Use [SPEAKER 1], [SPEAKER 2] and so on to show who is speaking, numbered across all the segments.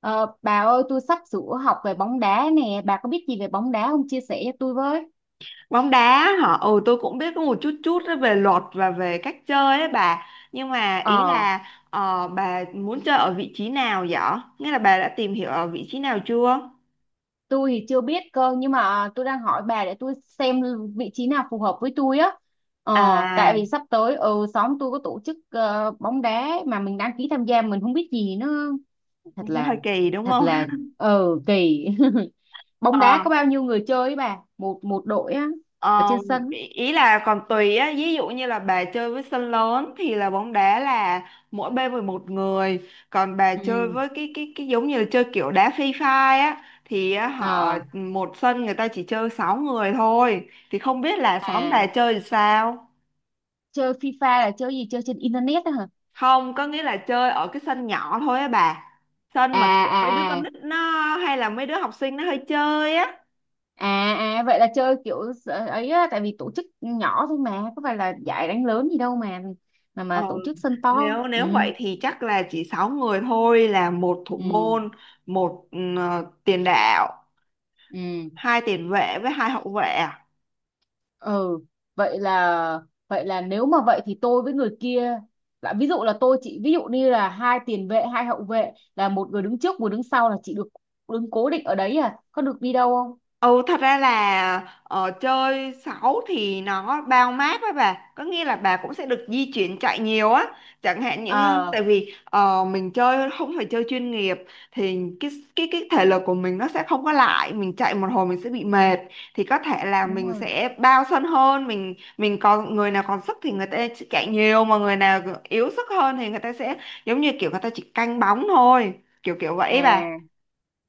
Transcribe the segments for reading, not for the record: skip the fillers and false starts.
[SPEAKER 1] Ờ, bà ơi, tôi sắp sửa học về bóng đá nè, bà có biết gì về bóng đá không? Chia sẻ cho tôi với.
[SPEAKER 2] Bóng đá hả? Ừ, tôi cũng biết có một chút chút á về luật và về cách chơi ấy bà. Nhưng mà ý
[SPEAKER 1] ờ
[SPEAKER 2] là bà muốn chơi ở vị trí nào vậy? Nghĩa là bà đã tìm hiểu ở vị trí nào chưa?
[SPEAKER 1] tôi thì chưa biết cơ, nhưng mà tôi đang hỏi bà để tôi xem vị trí nào phù hợp với tôi á. ờ Tại
[SPEAKER 2] À,
[SPEAKER 1] vì sắp tới, xóm tôi có tổ chức bóng đá, mà mình đăng ký tham gia mình không biết gì nữa. thật
[SPEAKER 2] nó
[SPEAKER 1] là
[SPEAKER 2] hơi kỳ đúng
[SPEAKER 1] thật
[SPEAKER 2] không?
[SPEAKER 1] là ờ kỳ. Bóng đá có bao nhiêu người chơi ấy bà, một một đội á? Ở
[SPEAKER 2] Ờ,
[SPEAKER 1] trên sân á.
[SPEAKER 2] ý ý là còn tùy á, ví dụ như là bà chơi với sân lớn thì là bóng đá là mỗi bên 11 người, còn bà chơi
[SPEAKER 1] Ừ.
[SPEAKER 2] với cái giống như là chơi kiểu đá Free Fire á thì á, họ
[SPEAKER 1] Ờ.
[SPEAKER 2] một sân người ta chỉ chơi 6 người thôi. Thì không biết là xóm
[SPEAKER 1] À.
[SPEAKER 2] bà chơi thì sao?
[SPEAKER 1] Chơi FIFA là chơi gì, chơi trên internet á hả?
[SPEAKER 2] Không, có nghĩa là chơi ở cái sân nhỏ thôi á bà. Sân
[SPEAKER 1] À.
[SPEAKER 2] mà kiểu mấy đứa
[SPEAKER 1] À.
[SPEAKER 2] con
[SPEAKER 1] À.
[SPEAKER 2] nít nó hay là mấy đứa học sinh nó hơi chơi á.
[SPEAKER 1] À. À. Vậy là chơi kiểu sợ- ấy á, tại vì tổ chức nhỏ thôi mà có phải là giải đánh lớn gì đâu mà, mà
[SPEAKER 2] Ờ.
[SPEAKER 1] tổ chức sân to.
[SPEAKER 2] Nếu
[SPEAKER 1] Ừ.
[SPEAKER 2] nếu vậy thì chắc là chỉ 6 người thôi: là một thủ
[SPEAKER 1] Ừ.
[SPEAKER 2] môn, một tiền đạo,
[SPEAKER 1] Ừ.
[SPEAKER 2] hai tiền vệ với hai hậu vệ. À?
[SPEAKER 1] Ừ. Vậy là, vậy là nếu mà vậy thì tôi với người kia, là ví dụ là tôi chị ví dụ như là hai tiền vệ hai hậu vệ là một người đứng trước một đứng sau là chị được đứng cố định ở đấy à, có được đi đâu không?
[SPEAKER 2] Ừ, thật ra là chơi 6 thì nó bao mát với bà. Có nghĩa là bà cũng sẽ được di chuyển chạy nhiều á. Chẳng hạn những
[SPEAKER 1] Ờ
[SPEAKER 2] tại vì mình chơi không phải chơi chuyên nghiệp. Thì cái thể lực của mình nó sẽ không có lại. Mình chạy một hồi mình sẽ bị mệt. Thì có thể là
[SPEAKER 1] đúng
[SPEAKER 2] mình
[SPEAKER 1] rồi.
[SPEAKER 2] sẽ bao sân hơn. Mình còn người nào còn sức thì người ta sẽ chạy nhiều, mà người nào yếu sức hơn thì người ta sẽ giống như kiểu người ta chỉ canh bóng thôi. Kiểu kiểu vậy bà.
[SPEAKER 1] À.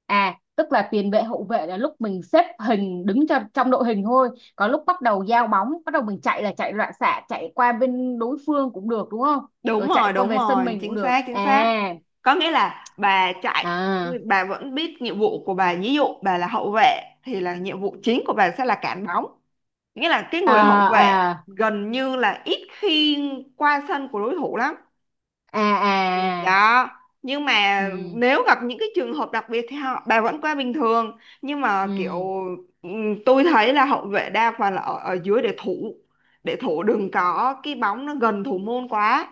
[SPEAKER 1] À. Tức là tiền vệ hậu vệ là lúc mình xếp hình đứng cho trong đội hình thôi, có lúc bắt đầu giao bóng bắt đầu mình chạy là chạy loạn xạ chạy qua bên đối phương cũng được đúng không?
[SPEAKER 2] Đúng
[SPEAKER 1] Rồi chạy
[SPEAKER 2] rồi,
[SPEAKER 1] qua
[SPEAKER 2] đúng
[SPEAKER 1] về sân
[SPEAKER 2] rồi,
[SPEAKER 1] mình cũng
[SPEAKER 2] chính
[SPEAKER 1] được
[SPEAKER 2] xác, chính
[SPEAKER 1] à?
[SPEAKER 2] xác. Có nghĩa là bà chạy,
[SPEAKER 1] À.
[SPEAKER 2] bà vẫn biết nhiệm vụ của bà. Ví dụ bà là hậu vệ thì là nhiệm vụ chính của bà sẽ là cản bóng. Nghĩa là cái
[SPEAKER 1] À.
[SPEAKER 2] người hậu vệ
[SPEAKER 1] À.
[SPEAKER 2] gần như là ít khi qua sân của đối thủ lắm.
[SPEAKER 1] À. À.
[SPEAKER 2] Đó, nhưng mà
[SPEAKER 1] Ừ.
[SPEAKER 2] nếu gặp những cái trường hợp đặc biệt thì họ bà vẫn qua bình thường. Nhưng mà kiểu
[SPEAKER 1] Ừ.
[SPEAKER 2] tôi thấy là hậu vệ đa phần là ở, ở dưới để thủ, để thủ đừng có cái bóng nó gần thủ môn quá.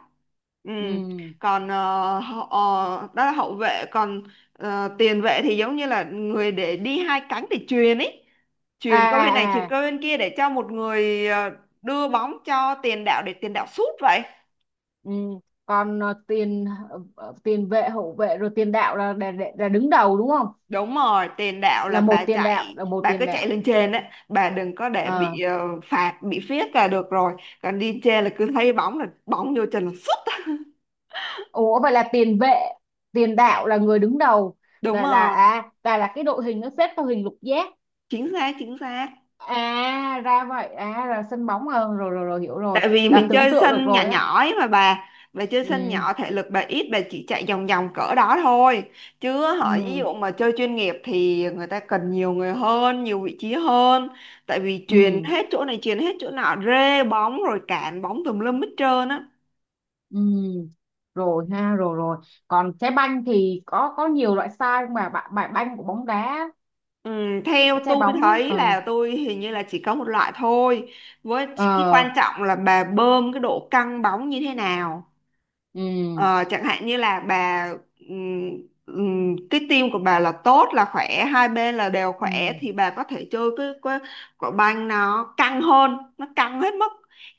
[SPEAKER 2] Ừ.
[SPEAKER 1] Ừ.
[SPEAKER 2] Còn đó là hậu vệ. Còn tiền vệ thì giống như là người để đi hai cánh để chuyền ấy,
[SPEAKER 1] À.
[SPEAKER 2] chuyền qua bên này
[SPEAKER 1] À.
[SPEAKER 2] chuyền
[SPEAKER 1] À.
[SPEAKER 2] qua bên kia để cho một người đưa bóng cho tiền đạo để tiền đạo sút vậy.
[SPEAKER 1] Ừ. Còn tiền tiền vệ hậu vệ rồi tiền đạo là đứng đầu đúng không?
[SPEAKER 2] Đúng rồi, tiền đạo
[SPEAKER 1] Là
[SPEAKER 2] là
[SPEAKER 1] một
[SPEAKER 2] bà
[SPEAKER 1] tiền đạo
[SPEAKER 2] chạy,
[SPEAKER 1] là một
[SPEAKER 2] bà cứ
[SPEAKER 1] tiền
[SPEAKER 2] chạy
[SPEAKER 1] đạo.
[SPEAKER 2] lên trên á, bà đừng có để
[SPEAKER 1] Ờ.
[SPEAKER 2] bị phạt, bị phiết là được rồi. Còn đi trên là cứ thấy bóng là bóng vô chân là sút.
[SPEAKER 1] Ủa vậy là tiền vệ, tiền đạo là người đứng đầu,
[SPEAKER 2] Đúng
[SPEAKER 1] và là
[SPEAKER 2] rồi,
[SPEAKER 1] à và là cái đội hình nó xếp theo hình lục giác.
[SPEAKER 2] chính xác, chính xác.
[SPEAKER 1] À ra vậy, à là sân bóng à, rồi rồi rồi hiểu rồi,
[SPEAKER 2] Tại vì
[SPEAKER 1] là
[SPEAKER 2] mình
[SPEAKER 1] tưởng
[SPEAKER 2] chơi
[SPEAKER 1] tượng được
[SPEAKER 2] sân nhỏ
[SPEAKER 1] rồi á.
[SPEAKER 2] nhỏ ấy mà bà chơi sân
[SPEAKER 1] Ừ.
[SPEAKER 2] nhỏ thể lực bà ít, bà chỉ chạy vòng vòng cỡ đó thôi. Chứ họ ví
[SPEAKER 1] Ừ.
[SPEAKER 2] dụ mà chơi chuyên nghiệp thì người ta cần nhiều người hơn, nhiều vị trí hơn. Tại vì chuyền
[SPEAKER 1] Ừ.
[SPEAKER 2] hết chỗ này, chuyền hết chỗ nọ, rê bóng rồi cản bóng tùm lum hết trơn á.
[SPEAKER 1] Ừ. Rồi ha, rồi rồi. Còn trái banh thì có nhiều loại size, mà bài bài banh của bóng đá,
[SPEAKER 2] Ừ, theo
[SPEAKER 1] cái trái
[SPEAKER 2] tôi
[SPEAKER 1] bóng ấy.
[SPEAKER 2] thấy
[SPEAKER 1] Ờ.
[SPEAKER 2] là tôi hình như là chỉ có một loại thôi, với cái
[SPEAKER 1] Ờ.
[SPEAKER 2] quan trọng là bà bơm cái độ căng bóng như thế nào.
[SPEAKER 1] Ừ.
[SPEAKER 2] Ờ, chẳng hạn như là bà ừm, cái tim của bà là tốt là khỏe, hai bên là đều
[SPEAKER 1] Ừ.
[SPEAKER 2] khỏe thì bà có thể chơi cái quả banh nó căng hơn, nó căng hết mức,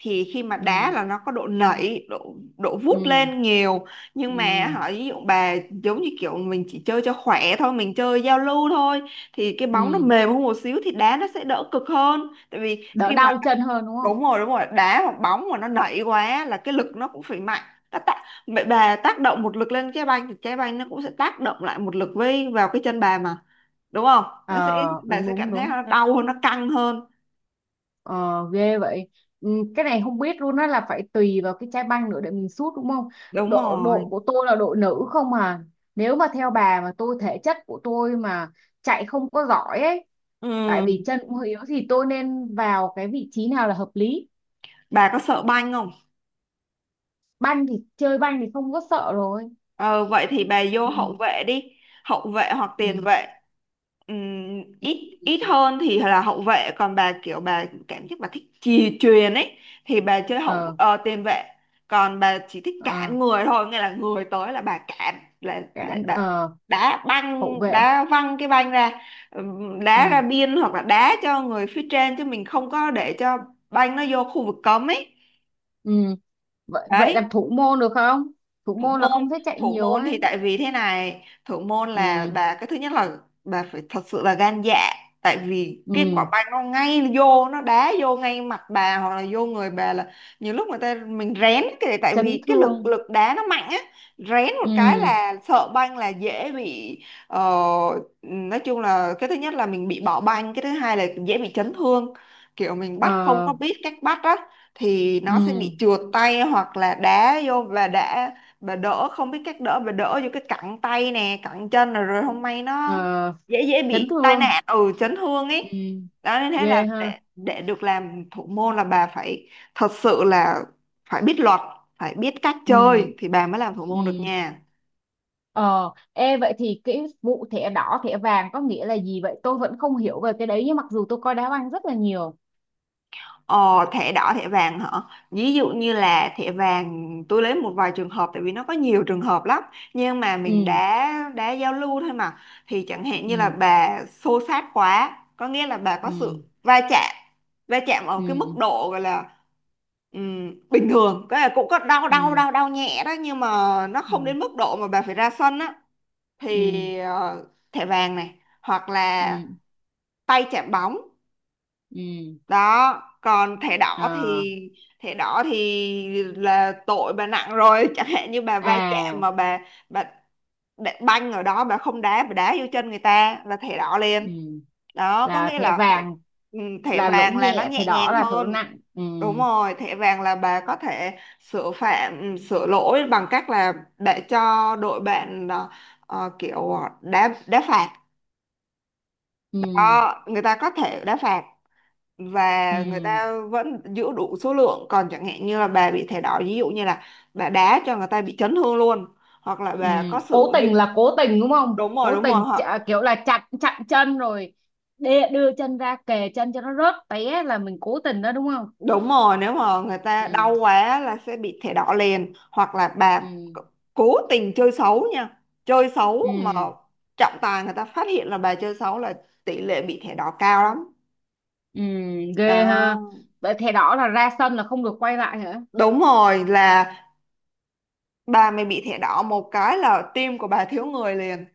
[SPEAKER 2] thì khi mà đá
[SPEAKER 1] Ừ.
[SPEAKER 2] là nó có độ nảy, độ độ
[SPEAKER 1] Ừ.
[SPEAKER 2] vút lên nhiều. Nhưng mà
[SPEAKER 1] Ừ.
[SPEAKER 2] hỏi ví dụ bà giống như kiểu mình chỉ chơi cho khỏe thôi, mình chơi giao lưu thôi, thì cái bóng nó
[SPEAKER 1] Ừ.
[SPEAKER 2] mềm hơn một xíu thì đá nó sẽ đỡ cực hơn. Tại vì
[SPEAKER 1] Đỡ
[SPEAKER 2] khi mà
[SPEAKER 1] đau chân hơn đúng không?
[SPEAKER 2] đúng rồi đá hoặc bóng mà nó nảy quá là cái lực nó cũng phải mạnh, nó tác, mẹ bà tác động một lực lên trái banh thì trái banh nó cũng sẽ tác động lại một lực với vào cái chân bà mà, đúng không? Nó sẽ,
[SPEAKER 1] Ờ,
[SPEAKER 2] bà
[SPEAKER 1] đúng
[SPEAKER 2] sẽ
[SPEAKER 1] đúng
[SPEAKER 2] cảm thấy
[SPEAKER 1] đúng.
[SPEAKER 2] nó đau hơn, nó căng hơn.
[SPEAKER 1] Ờ, ghê vậy. Ừ, cái này không biết luôn á, là phải tùy vào cái chai banh nữa để mình sút đúng không?
[SPEAKER 2] Đúng
[SPEAKER 1] Độ độ
[SPEAKER 2] rồi.
[SPEAKER 1] của tôi là độ nữ không à. Nếu mà theo bà mà tôi, thể chất của tôi mà chạy không có giỏi ấy, tại vì
[SPEAKER 2] Ừ.
[SPEAKER 1] chân cũng hơi yếu, thì tôi nên vào cái vị trí nào là hợp lý?
[SPEAKER 2] Bà có sợ banh không?
[SPEAKER 1] Banh thì chơi banh thì không có sợ rồi.
[SPEAKER 2] Ờ, vậy thì bà vô
[SPEAKER 1] Ừ.
[SPEAKER 2] hậu vệ đi, hậu vệ hoặc tiền
[SPEAKER 1] Ừ.
[SPEAKER 2] vệ. Ít
[SPEAKER 1] Ừ.
[SPEAKER 2] ít hơn thì là hậu vệ, còn bà kiểu bà cảm giác bà thích chì chuyền ấy thì bà chơi
[SPEAKER 1] ờ,
[SPEAKER 2] tiền vệ. Còn bà chỉ thích
[SPEAKER 1] ờ,
[SPEAKER 2] cản người thôi, nghĩa là người tới là bà cản, là
[SPEAKER 1] Cản,
[SPEAKER 2] bà đá
[SPEAKER 1] hậu
[SPEAKER 2] băng
[SPEAKER 1] vệ.
[SPEAKER 2] đá văng cái banh ra, đá ra
[SPEAKER 1] Ừ.
[SPEAKER 2] biên, hoặc là đá cho người phía trên, chứ mình không có để cho banh nó vô khu vực cấm ấy.
[SPEAKER 1] Ừ. Vậy vậy
[SPEAKER 2] Đấy.
[SPEAKER 1] làm thủ môn được không? Thủ
[SPEAKER 2] thủ
[SPEAKER 1] môn là không
[SPEAKER 2] môn
[SPEAKER 1] thể chạy
[SPEAKER 2] thủ
[SPEAKER 1] nhiều
[SPEAKER 2] môn
[SPEAKER 1] ấy.
[SPEAKER 2] thì tại vì thế này, thủ môn là
[SPEAKER 1] Ừ.
[SPEAKER 2] bà, cái thứ nhất là bà phải thật sự là gan dạ. Tại vì cái quả
[SPEAKER 1] Ừ.
[SPEAKER 2] banh nó ngay vô, nó đá vô ngay mặt bà hoặc là vô người bà là nhiều lúc người ta mình rén cái, tại
[SPEAKER 1] Chấn
[SPEAKER 2] vì cái lực
[SPEAKER 1] thương.
[SPEAKER 2] lực đá nó mạnh á. Rén một cái
[SPEAKER 1] Ừ.
[SPEAKER 2] là sợ banh là dễ bị ờ, nói chung là cái thứ nhất là mình bị bỏ banh, cái thứ hai là dễ bị chấn thương. Kiểu mình bắt không
[SPEAKER 1] Ờ.
[SPEAKER 2] có biết cách bắt á, thì nó sẽ bị
[SPEAKER 1] Ừ.
[SPEAKER 2] trượt tay, hoặc là đá vô và đã bà đỡ không biết cách đỡ, bà đỡ vô cái cẳng tay nè, cẳng chân rồi rồi không may nó
[SPEAKER 1] Ờ.
[SPEAKER 2] dễ dễ
[SPEAKER 1] Chấn
[SPEAKER 2] bị tai
[SPEAKER 1] thương.
[SPEAKER 2] nạn, ừ, chấn thương
[SPEAKER 1] Ừ.
[SPEAKER 2] ấy. Đó, nên thế
[SPEAKER 1] Ghê
[SPEAKER 2] là
[SPEAKER 1] ha.
[SPEAKER 2] để được làm thủ môn là bà phải thật sự là phải biết luật, phải biết cách
[SPEAKER 1] Ừ.
[SPEAKER 2] chơi thì bà mới làm thủ
[SPEAKER 1] Ừ.
[SPEAKER 2] môn được nha.
[SPEAKER 1] ờ Ê vậy thì cái vụ thẻ đỏ thẻ vàng có nghĩa là gì vậy, tôi vẫn không hiểu về cái đấy nhưng mặc dù tôi coi đá banh rất là nhiều.
[SPEAKER 2] Ờ, thẻ đỏ thẻ vàng hả? Ví dụ như là thẻ vàng, tôi lấy một vài trường hợp tại vì nó có nhiều trường hợp lắm, nhưng mà mình
[SPEAKER 1] Ừ.
[SPEAKER 2] đã giao lưu thôi mà, thì chẳng hạn như là
[SPEAKER 1] Ừ.
[SPEAKER 2] bà xô xát quá, có nghĩa là bà có
[SPEAKER 1] Ừ.
[SPEAKER 2] sự va chạm, va chạm ở cái mức
[SPEAKER 1] Ừ.
[SPEAKER 2] độ gọi là bình thường, cái là cũng có đau, đau
[SPEAKER 1] Ừ.
[SPEAKER 2] đau đau nhẹ đó, nhưng mà nó
[SPEAKER 1] Ừ.
[SPEAKER 2] không đến mức độ mà bà phải ra sân á,
[SPEAKER 1] Ừ.
[SPEAKER 2] thì thẻ vàng này, hoặc là
[SPEAKER 1] Ừ.
[SPEAKER 2] tay chạm bóng.
[SPEAKER 1] Ừ.
[SPEAKER 2] Đó, còn thẻ đỏ
[SPEAKER 1] Ờ.
[SPEAKER 2] thì, thẻ đỏ thì là tội bà nặng rồi. Chẳng hạn như bà va chạm
[SPEAKER 1] À.
[SPEAKER 2] mà bà đá- banh ở đó bà không đá, bà đá vô chân người ta là thẻ đỏ liền.
[SPEAKER 1] Ừ.
[SPEAKER 2] Đó, có
[SPEAKER 1] Là
[SPEAKER 2] nghĩa
[SPEAKER 1] thẻ
[SPEAKER 2] là thẻ,
[SPEAKER 1] vàng.
[SPEAKER 2] ừ, thẻ
[SPEAKER 1] Là lỗi
[SPEAKER 2] vàng là nó
[SPEAKER 1] nhẹ, thẻ
[SPEAKER 2] nhẹ
[SPEAKER 1] đỏ
[SPEAKER 2] nhàng
[SPEAKER 1] là lỗi
[SPEAKER 2] hơn.
[SPEAKER 1] nặng. Ừ.
[SPEAKER 2] Đúng rồi, thẻ vàng là bà có thể sửa phạm sửa lỗi bằng cách là để cho đội bạn kiểu đá, đá phạt.
[SPEAKER 1] Ừ.
[SPEAKER 2] Đó, người ta có thể đá phạt và người
[SPEAKER 1] Ừ.
[SPEAKER 2] ta vẫn giữ đủ số lượng. Còn chẳng hạn như là bà bị thẻ đỏ, ví dụ như là bà đá cho người ta bị chấn thương luôn, hoặc là
[SPEAKER 1] Ừ,
[SPEAKER 2] bà có
[SPEAKER 1] cố
[SPEAKER 2] sử dụng
[SPEAKER 1] tình là cố tình đúng không? Cố
[SPEAKER 2] đúng rồi
[SPEAKER 1] tình chạ-
[SPEAKER 2] họ
[SPEAKER 1] kiểu là chặn chặn chân rồi đê, đưa chân ra kề chân cho nó rớt té là mình cố tình đó đúng không?
[SPEAKER 2] đúng rồi, nếu mà người ta đau
[SPEAKER 1] Ừ.
[SPEAKER 2] quá là sẽ bị thẻ đỏ liền, hoặc là bà
[SPEAKER 1] Ừ.
[SPEAKER 2] c- cố tình chơi xấu nha, chơi xấu mà
[SPEAKER 1] Ừ.
[SPEAKER 2] trọng tài người ta phát hiện là bà chơi xấu là tỷ lệ bị thẻ đỏ cao lắm.
[SPEAKER 1] Ừ. Ghê ha.
[SPEAKER 2] Đó,
[SPEAKER 1] Vậy thẻ đỏ là ra sân là không được quay lại hả?
[SPEAKER 2] đúng rồi, là bà mày bị thẻ đỏ một cái là tim của bà thiếu người liền.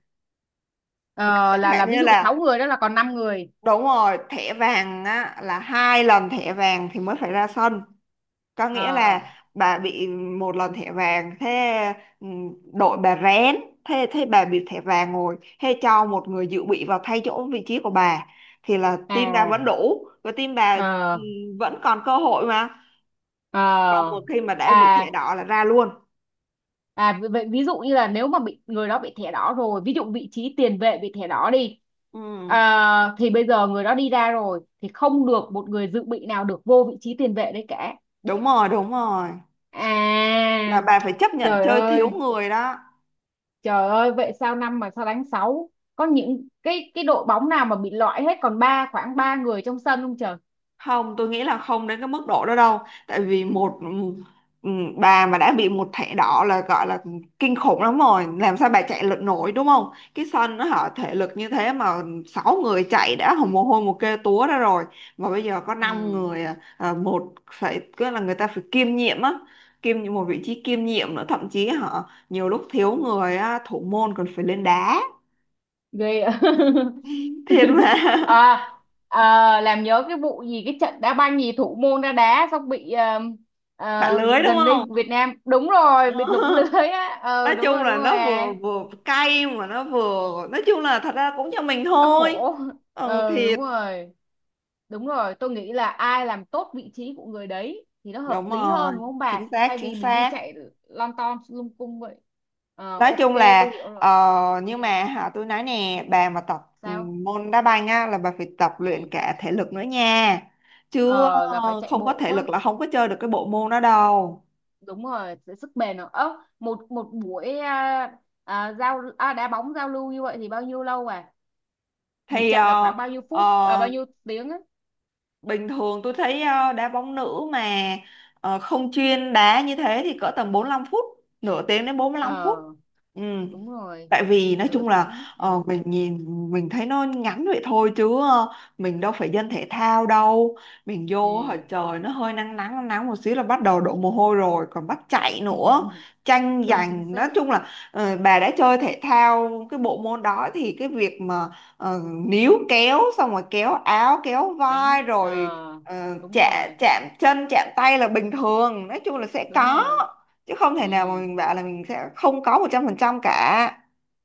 [SPEAKER 1] Ờ,
[SPEAKER 2] Chẳng hạn
[SPEAKER 1] là ví
[SPEAKER 2] như
[SPEAKER 1] dụ sáu
[SPEAKER 2] là
[SPEAKER 1] người đó là còn năm người.
[SPEAKER 2] đúng rồi, thẻ vàng á là hai lần thẻ vàng thì mới phải ra sân. Có nghĩa
[SPEAKER 1] Ờ.
[SPEAKER 2] là bà bị một lần thẻ vàng thế, ừ, đội bà rén, thế thế bà bị thẻ vàng rồi thế cho một người dự bị vào thay chỗ vị trí của bà thì là team bà
[SPEAKER 1] À.
[SPEAKER 2] vẫn đủ, và team bà, ừ,
[SPEAKER 1] Ờ.
[SPEAKER 2] vẫn còn cơ hội mà. Còn
[SPEAKER 1] Ờ.
[SPEAKER 2] một khi mà đã bị
[SPEAKER 1] À.
[SPEAKER 2] thẻ đỏ là ra luôn.
[SPEAKER 1] À, vì vậy ví dụ như là nếu mà bị người đó bị thẻ đỏ rồi, ví dụ vị trí tiền vệ bị thẻ đỏ đi,
[SPEAKER 2] Ừ,
[SPEAKER 1] à, thì bây giờ người đó đi ra rồi thì không được một người dự bị nào được vô vị trí tiền vệ đấy cả.
[SPEAKER 2] đúng rồi, đúng rồi. Là
[SPEAKER 1] À.
[SPEAKER 2] bà phải chấp nhận
[SPEAKER 1] Trời
[SPEAKER 2] chơi thiếu
[SPEAKER 1] ơi,
[SPEAKER 2] người đó.
[SPEAKER 1] trời ơi, vậy sao năm mà sao đánh sáu? Có những cái đội bóng nào mà bị loại hết còn ba khoảng ba người trong sân không trời?
[SPEAKER 2] Không, tôi nghĩ là không đến cái mức độ đó đâu, tại vì một, ừ, bà mà đã bị một thẻ đỏ là gọi là kinh khủng lắm rồi, làm sao bà chạy lực nổi, đúng không? Cái sân nó họ thể lực như thế mà sáu người chạy đã hồng mồ hôi một kê túa ra rồi, mà bây giờ có năm
[SPEAKER 1] Ừ,
[SPEAKER 2] người à, một phải cứ là người ta phải kiêm nhiệm á, kiêm nhiệm một vị trí kiêm nhiệm nữa, thậm chí họ nhiều lúc thiếu người á, thủ môn còn phải lên đá
[SPEAKER 1] ghê ạ.
[SPEAKER 2] thiệt mà.
[SPEAKER 1] À, à, làm nhớ cái vụ gì, cái trận đá banh gì thủ môn ra đá xong bị
[SPEAKER 2] Bạn lưới đúng
[SPEAKER 1] gần đây
[SPEAKER 2] không?
[SPEAKER 1] Việt Nam đúng rồi bị lủng lưới á, ờ
[SPEAKER 2] Nói chung
[SPEAKER 1] đúng
[SPEAKER 2] là
[SPEAKER 1] rồi
[SPEAKER 2] nó
[SPEAKER 1] à.
[SPEAKER 2] vừa vừa cay mà nó vừa nói chung là thật ra cũng cho mình
[SPEAKER 1] Bác
[SPEAKER 2] thôi.
[SPEAKER 1] khổ.
[SPEAKER 2] Ừ,
[SPEAKER 1] Ờ
[SPEAKER 2] thịt
[SPEAKER 1] đúng rồi, đúng rồi tôi nghĩ là ai làm tốt vị trí của người đấy thì nó hợp
[SPEAKER 2] đúng
[SPEAKER 1] lý hơn
[SPEAKER 2] rồi,
[SPEAKER 1] đúng không
[SPEAKER 2] chính
[SPEAKER 1] bà,
[SPEAKER 2] xác,
[SPEAKER 1] thay
[SPEAKER 2] chính
[SPEAKER 1] vì mình đi
[SPEAKER 2] xác.
[SPEAKER 1] chạy lon ton lung cung vậy. Ờ,
[SPEAKER 2] Nói
[SPEAKER 1] ok,
[SPEAKER 2] chung
[SPEAKER 1] tôi
[SPEAKER 2] là
[SPEAKER 1] hiểu rồi. Ừ,
[SPEAKER 2] nhưng mà hả, tôi nói nè, bà mà tập
[SPEAKER 1] sao?
[SPEAKER 2] môn đá banh á là bà phải tập luyện
[SPEAKER 1] Ừ.
[SPEAKER 2] cả thể lực nữa nha. Chứ
[SPEAKER 1] Ờ là phải chạy
[SPEAKER 2] không có
[SPEAKER 1] bộ
[SPEAKER 2] thể
[SPEAKER 1] quá.
[SPEAKER 2] lực là không có chơi được cái bộ môn đó đâu.
[SPEAKER 1] Đúng rồi, sức bền nữa. Ớ một một buổi à, à, giao à, đá bóng giao lưu như vậy thì bao nhiêu lâu à, một
[SPEAKER 2] Thì
[SPEAKER 1] trận là khoảng bao nhiêu
[SPEAKER 2] ờ,
[SPEAKER 1] phút à, bao nhiêu tiếng á?
[SPEAKER 2] bình thường tôi thấy đá bóng nữ mà không chuyên đá như thế thì cỡ tầm 45 phút, nửa tiếng đến 45 phút.
[SPEAKER 1] Ờ
[SPEAKER 2] Ừ,
[SPEAKER 1] đúng rồi,
[SPEAKER 2] tại vì nói
[SPEAKER 1] nửa
[SPEAKER 2] chung là
[SPEAKER 1] tiếng ừ.
[SPEAKER 2] mình nhìn, mình thấy nó ngắn vậy thôi, chứ mình đâu phải dân thể thao đâu, mình vô hồi
[SPEAKER 1] Ừ.
[SPEAKER 2] trời nó hơi nắng nắng nắng nắng một xíu là bắt đầu đổ mồ hôi rồi còn bắt chạy nữa, tranh
[SPEAKER 1] Đúng chính
[SPEAKER 2] giành. Nói
[SPEAKER 1] xác.
[SPEAKER 2] chung là bà đã chơi thể thao cái bộ môn đó thì cái việc mà ờ, níu kéo xong rồi kéo áo kéo vai
[SPEAKER 1] Đánh
[SPEAKER 2] rồi
[SPEAKER 1] ờ. Đúng
[SPEAKER 2] chạm,
[SPEAKER 1] rồi
[SPEAKER 2] chạm chân chạm tay là bình thường, nói chung là sẽ
[SPEAKER 1] đúng
[SPEAKER 2] có,
[SPEAKER 1] rồi.
[SPEAKER 2] chứ không
[SPEAKER 1] Ừ
[SPEAKER 2] thể nào mà mình bảo là mình sẽ không có 100% cả.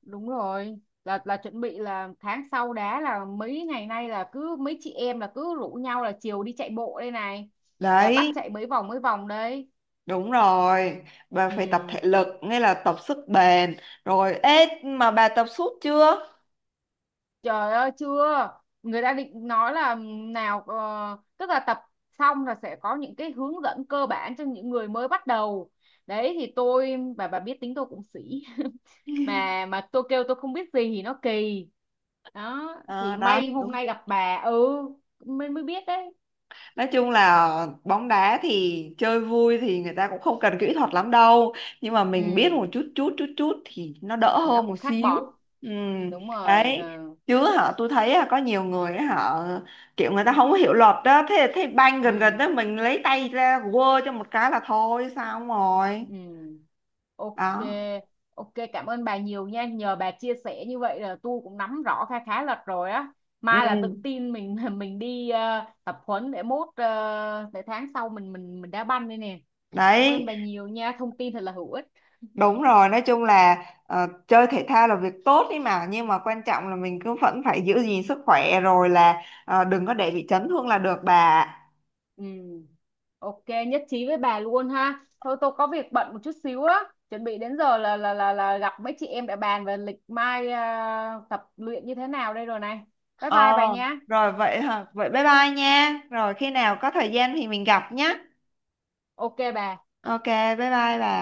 [SPEAKER 1] đúng rồi, là chuẩn bị là tháng sau đá, là mấy ngày nay là cứ mấy chị em là cứ rủ nhau là chiều đi chạy bộ đây này, là bắt
[SPEAKER 2] Đấy,
[SPEAKER 1] chạy mấy vòng đấy.
[SPEAKER 2] đúng rồi. Bà phải tập thể
[SPEAKER 1] Ừ.
[SPEAKER 2] lực, nghĩa là tập sức bền. Rồi, ê, mà bà tập suốt chưa?
[SPEAKER 1] Trời ơi chưa. Người ta định nói là, nào tức là tập xong là sẽ có những cái hướng dẫn cơ bản cho những người mới bắt đầu. Đấy thì tôi, bà biết tính tôi cũng sĩ. Mà tôi kêu tôi không biết gì thì nó kỳ. Đó.
[SPEAKER 2] À,
[SPEAKER 1] Thì
[SPEAKER 2] đó,
[SPEAKER 1] may hôm
[SPEAKER 2] đúng.
[SPEAKER 1] nay gặp bà. Ừ. Mới mới biết đấy.
[SPEAKER 2] Nói chung là bóng đá thì chơi vui thì người ta cũng không cần kỹ thuật lắm đâu. Nhưng mà mình biết
[SPEAKER 1] Ừ.
[SPEAKER 2] một chút chút chút chút thì nó đỡ
[SPEAKER 1] Thì nó
[SPEAKER 2] hơn một
[SPEAKER 1] cũng khác
[SPEAKER 2] xíu.
[SPEAKER 1] bọt.
[SPEAKER 2] Ừ,
[SPEAKER 1] Đúng rồi
[SPEAKER 2] đấy.
[SPEAKER 1] ừ.
[SPEAKER 2] Chứ họ tôi thấy là có nhiều người ấy, họ kiểu người ta không có hiểu luật đó. Thế thế banh gần gần
[SPEAKER 1] Ừ.
[SPEAKER 2] đó mình lấy tay ra quơ cho một cái là thôi, sao không rồi.
[SPEAKER 1] Ừ. Ok,
[SPEAKER 2] Đó.
[SPEAKER 1] ok cảm ơn bà nhiều nha. Nhờ bà chia sẻ như vậy là tôi cũng nắm rõ khá khá lật rồi á.
[SPEAKER 2] Ừ.
[SPEAKER 1] Mai là tự tin mình mình đi tập huấn để mốt để tháng sau mình đá banh đây nè. Cảm ơn
[SPEAKER 2] Đấy,
[SPEAKER 1] bà nhiều nha, thông tin thật là hữu ích.
[SPEAKER 2] đúng rồi, nói chung là chơi thể thao là việc tốt ấy mà, nhưng mà quan trọng là mình cứ vẫn phải giữ gìn sức khỏe rồi là đừng có để bị chấn thương là được bà. Ạ.
[SPEAKER 1] Ừ. Ok, nhất trí với bà luôn ha. Thôi tôi có việc bận một chút xíu á. Chuẩn bị đến giờ là là gặp mấy chị em để bàn về lịch mai tập luyện như thế nào đây rồi này. Bye bye
[SPEAKER 2] Ờ,
[SPEAKER 1] bà nha.
[SPEAKER 2] rồi vậy hả? Vậy bye bye nha. Rồi khi nào có thời gian thì mình gặp nhé.
[SPEAKER 1] Ok bà.
[SPEAKER 2] Ok, bye bye bà.